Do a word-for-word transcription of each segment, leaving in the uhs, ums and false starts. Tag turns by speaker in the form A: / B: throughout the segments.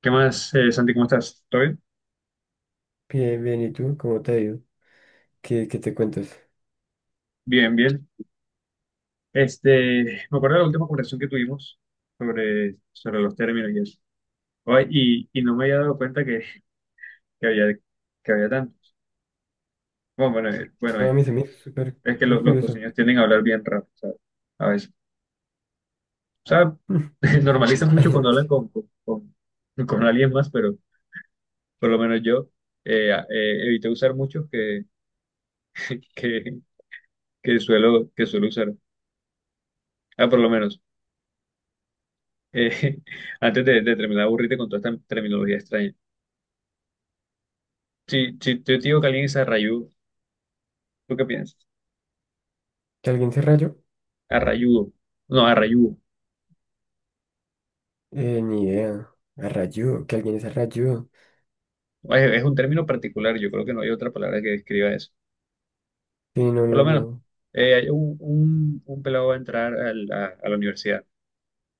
A: ¿Qué más, eh, Santi? ¿Cómo estás? ¿Todo bien?
B: Bien, bien, ¿y tú? ¿Cómo te ha ido? ¿Qué, qué te cuentas?
A: Bien, bien. Este, me acuerdo de la última conversación que tuvimos sobre, sobre los términos y eso. Ay, y, y no me había dado cuenta que, que había, que había tantos. Bueno, bueno, eh, bueno,
B: No, a
A: eh,
B: mí se me hizo súper,
A: es que
B: súper
A: los los
B: curioso.
A: costeños tienden a hablar bien rápido, ¿sabes? A veces. O sea, normalizan
B: Ay,
A: mucho
B: no,
A: cuando
B: mentira.
A: hablan con, con, con, con alguien más, pero por lo menos yo eh, eh, evité usar muchos que, que, que suelo, que suelo usar. Ah, por lo menos. Eh, antes de, de terminar, de aburrirte con toda esta terminología extraña. Si, si yo te digo que alguien es arrayudo, ¿tú qué piensas?
B: ¿Que alguien se rayó?
A: Arrayudo. No, arrayudo.
B: Eh, ni idea. A rayó, que alguien se rayó.
A: Es, es un término particular, yo creo que no hay otra palabra que describa eso.
B: Sí, no,
A: Por lo
B: no,
A: menos,
B: no.
A: eh, hay un, un, un pelado va a entrar al- a, a la universidad.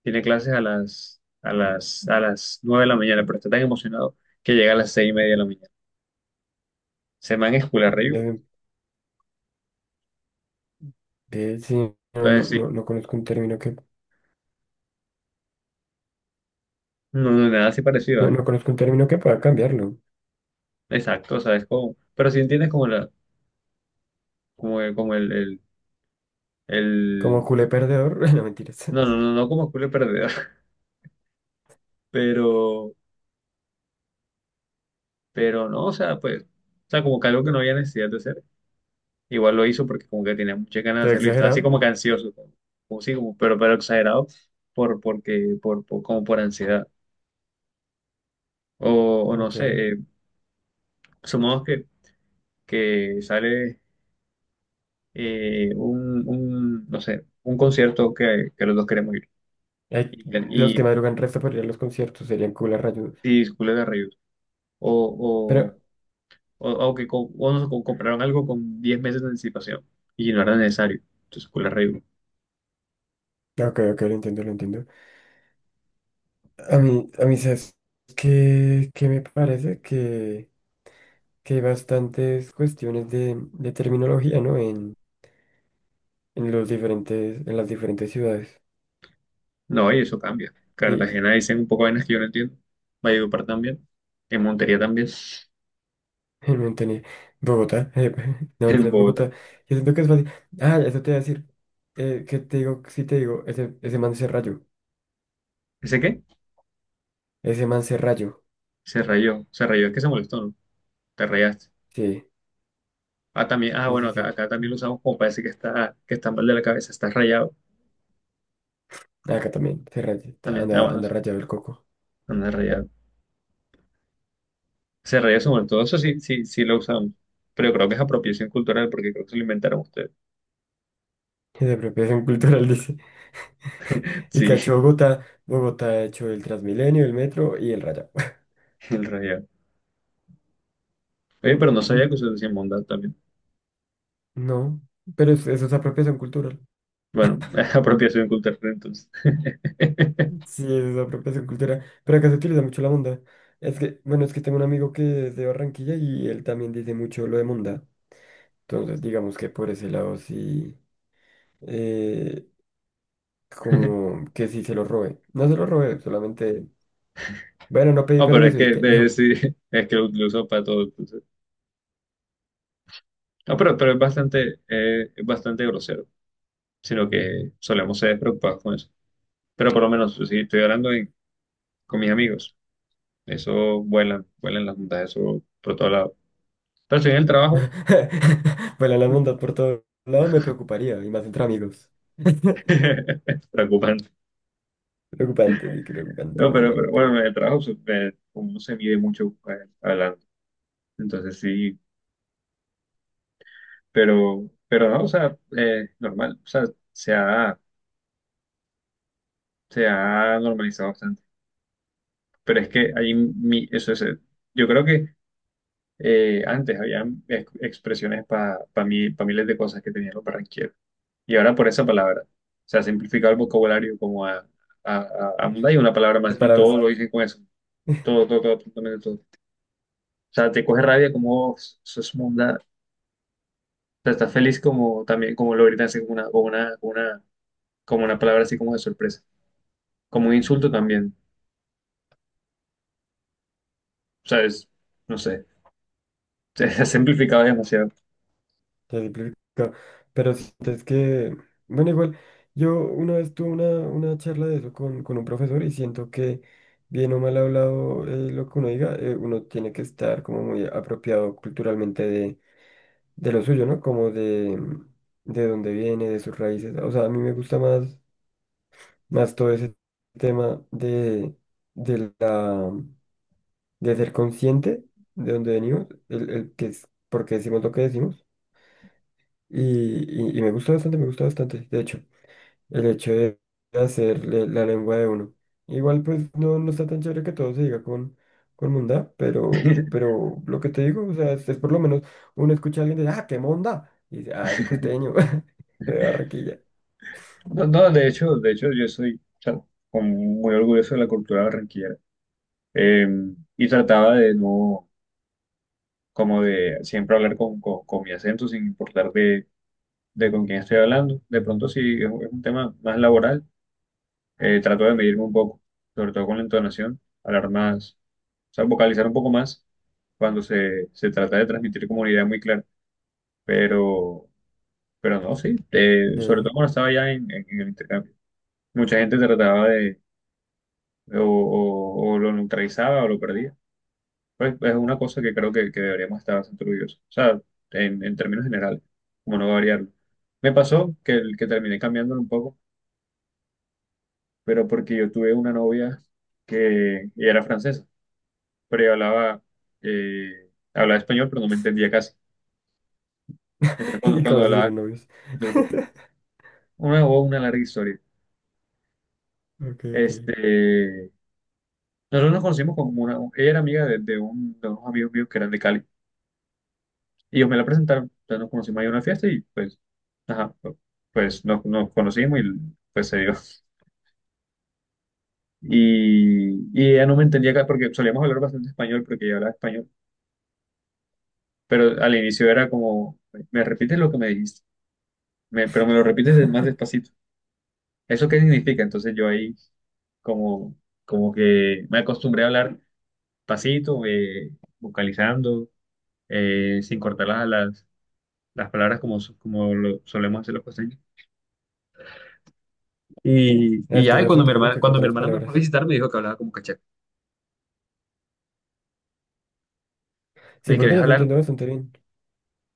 A: Tiene clases a las, a las, a las nueve de la mañana, pero está tan emocionado que llega a las seis y media de la mañana. Se man es full arrayudo.
B: Eh, eh, sí, no, no,
A: Entonces, sí,
B: no, no conozco un término que...
A: no, no, nada así parecido,
B: No,
A: ¿eh?
B: no conozco un término que pueda cambiarlo.
A: Exacto, ¿sabes cómo? Pero si entiendes como la, como, el- como el
B: Como
A: El...
B: culé perdedor. No, mentiras.
A: No, no, no, no como culo perdedor, pero, pero no, o sea, pues, o sea, como que algo que no había necesidad de hacer. Igual lo hizo porque como que tenía muchas ganas de
B: Todo
A: hacerlo y estaba así
B: exagerado.
A: como que ansioso, como, como sí, como, pero, pero exagerado, por, porque, por, por- como por ansiedad. O, o no sé,
B: Ok.
A: eh, sumamos que, que sale eh, un, un, no sé, un concierto que, que los dos queremos ir.
B: Ay,
A: Y,
B: los que
A: y,
B: madrugan resto para ir a los conciertos serían culés rayudos.
A: y, y Julio Garrido. O,
B: Pero...
A: o, o que co- o nos co- compraron algo con diez meses de anticipación y no era necesario. Entonces, con la regla.
B: Ok, ok, lo entiendo, lo entiendo. A mí, a mí, ¿sabes qué, qué me parece? Que, que hay bastantes cuestiones de, de terminología, ¿no? En, en los diferentes, en las diferentes ciudades.
A: No, y eso cambia.
B: Y
A: Cartagena dicen un poco de vainas que yo no entiendo. Valledupar también. En Montería también.
B: en Montenegro, Bogotá, eh, no
A: En
B: mentiras,
A: Bogotá.
B: Bogotá. Yo siento que es fácil. Ah, eso te iba a decir. Eh, que te digo, sí te digo, ese, ese man se rayó.
A: ¿Ese qué?
B: Ese man se rayó.
A: Se rayó. Se rayó, es que se molestó, ¿no? Te rayaste.
B: Sí,
A: Ah, también, ah,
B: sí,
A: bueno,
B: sí,
A: acá,
B: sí.
A: acá también lo usamos como parece que está, que está mal de la cabeza, está rayado.
B: Acá también se rayó.
A: También, ah,
B: Anda,
A: bueno,
B: anda
A: sí,
B: rayado el coco.
A: anda rayado. Se rayó, se molestó. Eso sí, sí, sí lo usamos. Pero creo que es apropiación cultural porque creo que se lo inventaron ustedes.
B: Es de apropiación cultural. Y
A: Sí,
B: cacho Bogotá. Bogotá ha hecho el Transmilenio, el metro y el Raya.
A: el rayado. Oye,
B: Mm,
A: pero no sabía
B: mm,
A: que se decía mondad también.
B: no, pero es- eso es apropiación cultural.
A: Bueno, es apropiación cultural entonces.
B: Sí, eso es apropiación cultural. Pero acá se utiliza mucho la monda. Es que, bueno, es que tengo un amigo que es de Barranquilla y él también dice mucho lo de monda. Entonces, digamos que por ese lado sí, eh, como que sí se lo robé. No se lo robé, solamente, bueno, no pedí
A: Ah, pero es
B: permiso y
A: que
B: que,
A: eh,
B: no.
A: sí, es que lo, lo uso para todo. Entonces. Ah, pero, pero es bastante, eh, es bastante grosero, sino que solemos ser preocupados con eso. Pero por lo menos, si estoy hablando en- con mis amigos, eso vuelan, vuelan las juntas, eso por todo lado. Pero si en el trabajo,
B: Bueno, la monda por todos lados me preocuparía, y más entre amigos.
A: preocupante.
B: Preocupante, sí, preocupante,
A: No, pero, pero
B: preocupante.
A: bueno, en el trabajo se- me- uno se mide mucho eh, hablando. Entonces sí. Pero, pero no, o sea, eh, normal, o sea, se ha, se ha normalizado bastante. Pero es que ahí mi, eso es, eh, yo creo que eh, antes habían expresiones para mí, pa miles de cosas que tenían los barranquilleros. Y ahora por esa palabra, se ha simplificado el vocabulario como a, a, a, a un- hay una palabra más,
B: Las
A: y
B: palabras
A: todo lo dicen con eso, todo, todo, todo, absolutamente todo. O sea, te coge rabia como, eso es munda, o sea, estás feliz como también, como lo gritan así como una, como una, como una, como una palabra así como de sorpresa. Como un insulto también. O sea, es, no sé, se ha simplificado demasiado.
B: se simplifico. Pero sí, es que, bueno, igual, yo una vez tuve una, una charla de eso con, con un profesor y siento que, bien o mal hablado, eh, lo que uno diga, eh, uno tiene que estar como muy apropiado culturalmente de, de lo suyo, ¿no? Como de, de dónde viene, de sus raíces. O sea, a mí me gusta más, más todo ese tema de, de la de ser consciente de dónde venimos, el, el que es, por qué decimos lo que decimos. Y, y- y me gusta bastante, me gusta bastante. De hecho, el hecho de hacer le- la lengua de uno. Igual pues no, no está tan chévere que todo se diga con, con mondá, pero, pero lo que te digo, o sea, es, es por lo menos uno escucha a alguien de, ah, qué monda. Y dice, ah, ese costeño, de Barranquilla.
A: No, no, de hecho, de hecho, yo soy, o sea, como muy orgulloso de la cultura barranquillera. Eh, y trataba de no, como de siempre hablar con, con, con mi acento, sin importar de, de con quién estoy hablando. De pronto, si es, un es un tema más laboral, eh, trato de medirme un poco, sobre todo con la entonación, hablar más, o sea, vocalizar un poco más cuando se, se trata de transmitir como una idea muy clara. Pero Pero no, sí, eh, sobre
B: Ok.
A: todo cuando estaba ya en, en- en el intercambio. Mucha gente trataba de, o, o- o lo neutralizaba o lo perdía. Pues es una cosa que creo que, que deberíamos estar bastante orgullosos. O sea, en, en términos generales, como no variarlo. Me pasó que, el- que terminé cambiándolo un poco, pero porque yo tuve una novia que ella era francesa, pero ella hablaba, eh, hablaba español, pero no me entendía casi. Entonces, cuando,
B: Y cómo
A: cuando
B: se
A: hablaba,
B: hicieron novios.
A: entonces, una, una larga historia.
B: Ok, ok.
A: Este. Nosotros nos conocimos con una, ella era amiga de, de un, de unos amigos míos que eran de Cali. Y ellos me la presentaron, entonces nos conocimos ahí en una fiesta y pues, ajá, pues nos, nos conocimos y pues se dio. Y, y ella no me entendía acá porque solíamos hablar bastante español porque ella hablaba español, pero al inicio era como, me repites lo que me dijiste, me- pero me lo repites des- más despacito. ¿Eso qué significa? Entonces yo ahí como, como que me acostumbré a hablar pasito, eh, vocalizando, eh, sin cortar las, alas las palabras como, so- como lo solemos hacer los costeños. Y, y
B: Es que
A: ya, y
B: esa es
A: cuando mi
B: otra, ¿no?
A: hermana,
B: Que
A: cuando mi
B: cortan las
A: hermana me fue a
B: palabras.
A: visitar, me dijo que hablaba como cachaco. Me
B: Sí,
A: dijo que
B: porque
A: deja
B: yo te
A: hablar,
B: entiendo bastante bien.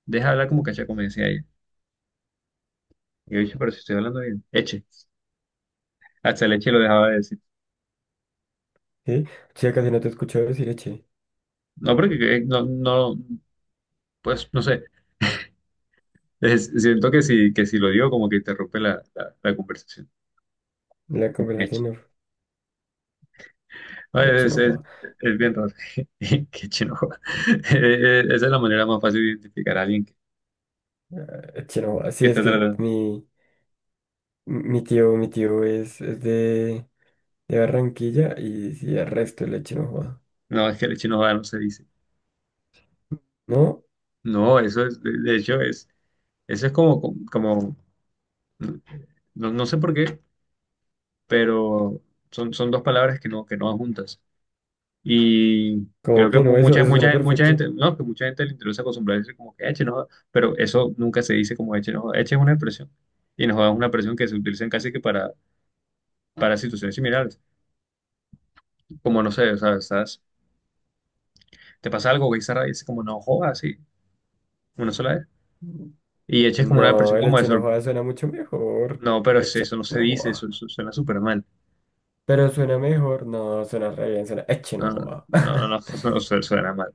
A: deja hablar como cachaco, me decía ella. Y yo dije, pero si estoy hablando bien, eche. Hasta el eche lo dejaba de decir.
B: Sí, ya casi no te escucho decir eche.
A: No, porque que- no, no, pues no sé. Es, siento que si, que si lo digo, como que interrumpe la, la, la conversación.
B: En la
A: Eche.
B: conversación no.
A: No,
B: Eche
A: Es,
B: no
A: es,
B: joda.
A: es bien raro. Qué chino. Eh, eh, esa es la manera más fácil de identificar a alguien que,
B: Eche no joda. Sí,
A: que
B: es
A: está
B: que
A: tratando.
B: mi, mi tío, mi tío es, es de, de Barranquilla y sí, el resto el eche no joda.
A: No, es que el eche no va, no se dice.
B: ¿No?
A: No, eso es, de de hecho, es, eso es como, como, no, no sé por qué, pero son, son dos palabras que no, que no van juntas. Y
B: ¿Cómo
A: creo que
B: que no?
A: mu-
B: Eso,
A: mucha,
B: eso suena
A: mucha, mucha
B: perfecto.
A: gente, no, que mucha gente le interesa acostumbrarse como que eche, no, pero eso nunca se dice como eche, no, eche es una expresión. Y nos da una expresión que se utiliza casi que para, para situaciones similares. Como, no sé, o sea, estás, te pasa algo, güey, y dices como, no, joda, así, una sola vez. Y eche es como una
B: No,
A: expresión
B: el
A: como de
B: eche no
A: sor-
B: joda suena mucho mejor.
A: No, pero es,
B: Eche
A: eso no se
B: no
A: dice,
B: joda.
A: eso, eso suena súper mal.
B: Pero suena mejor. No, suena re bien, suena eche
A: No,
B: no
A: no,
B: joda.
A: no, no, no, no, su- suena mal,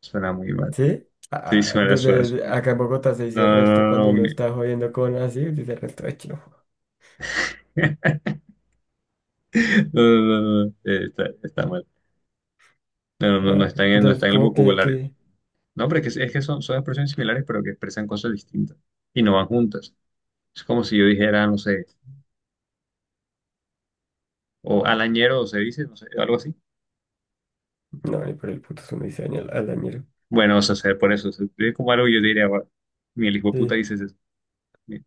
A: suena muy mal.
B: ¿Sí?
A: Sí,
B: Ah,
A: suena, suena,
B: desde de-
A: suena.
B: acá en Bogotá se
A: No,
B: dice
A: no,
B: resto
A: no, no,
B: cuando
A: no,
B: uno está
A: mi-
B: jodiendo con así, dice resto eche no.
A: no, no, no, no, eh, está, está mal. No, no, no no
B: Ah,
A: está en el, no
B: entonces,
A: está en el
B: como que,
A: vocabulario.
B: que,
A: No, pero es que, es que son, son expresiones similares, pero que expresan cosas distintas y no van juntas. Es como si yo dijera, no sé, o alañero, o se dice, no sé, algo así.
B: no, ni por el puto uno dice al, al dañero.
A: Bueno, o sea, se, por eso, se escribe como algo y yo diría, "Bueno, mi el hijo de puta
B: Sí,
A: dices eso". Bien,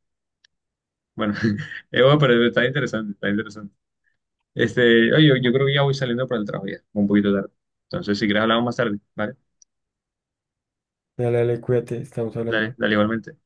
A: bueno, eh, bueno, pero está interesante, está interesante. Este, oye, yo, yo creo que ya voy saliendo para el trabajo ya, un poquito tarde. Entonces, si quieres hablamos más tarde, ¿vale?
B: dale, dale, cuídate, estamos
A: Dale,
B: hablando.
A: dale igualmente.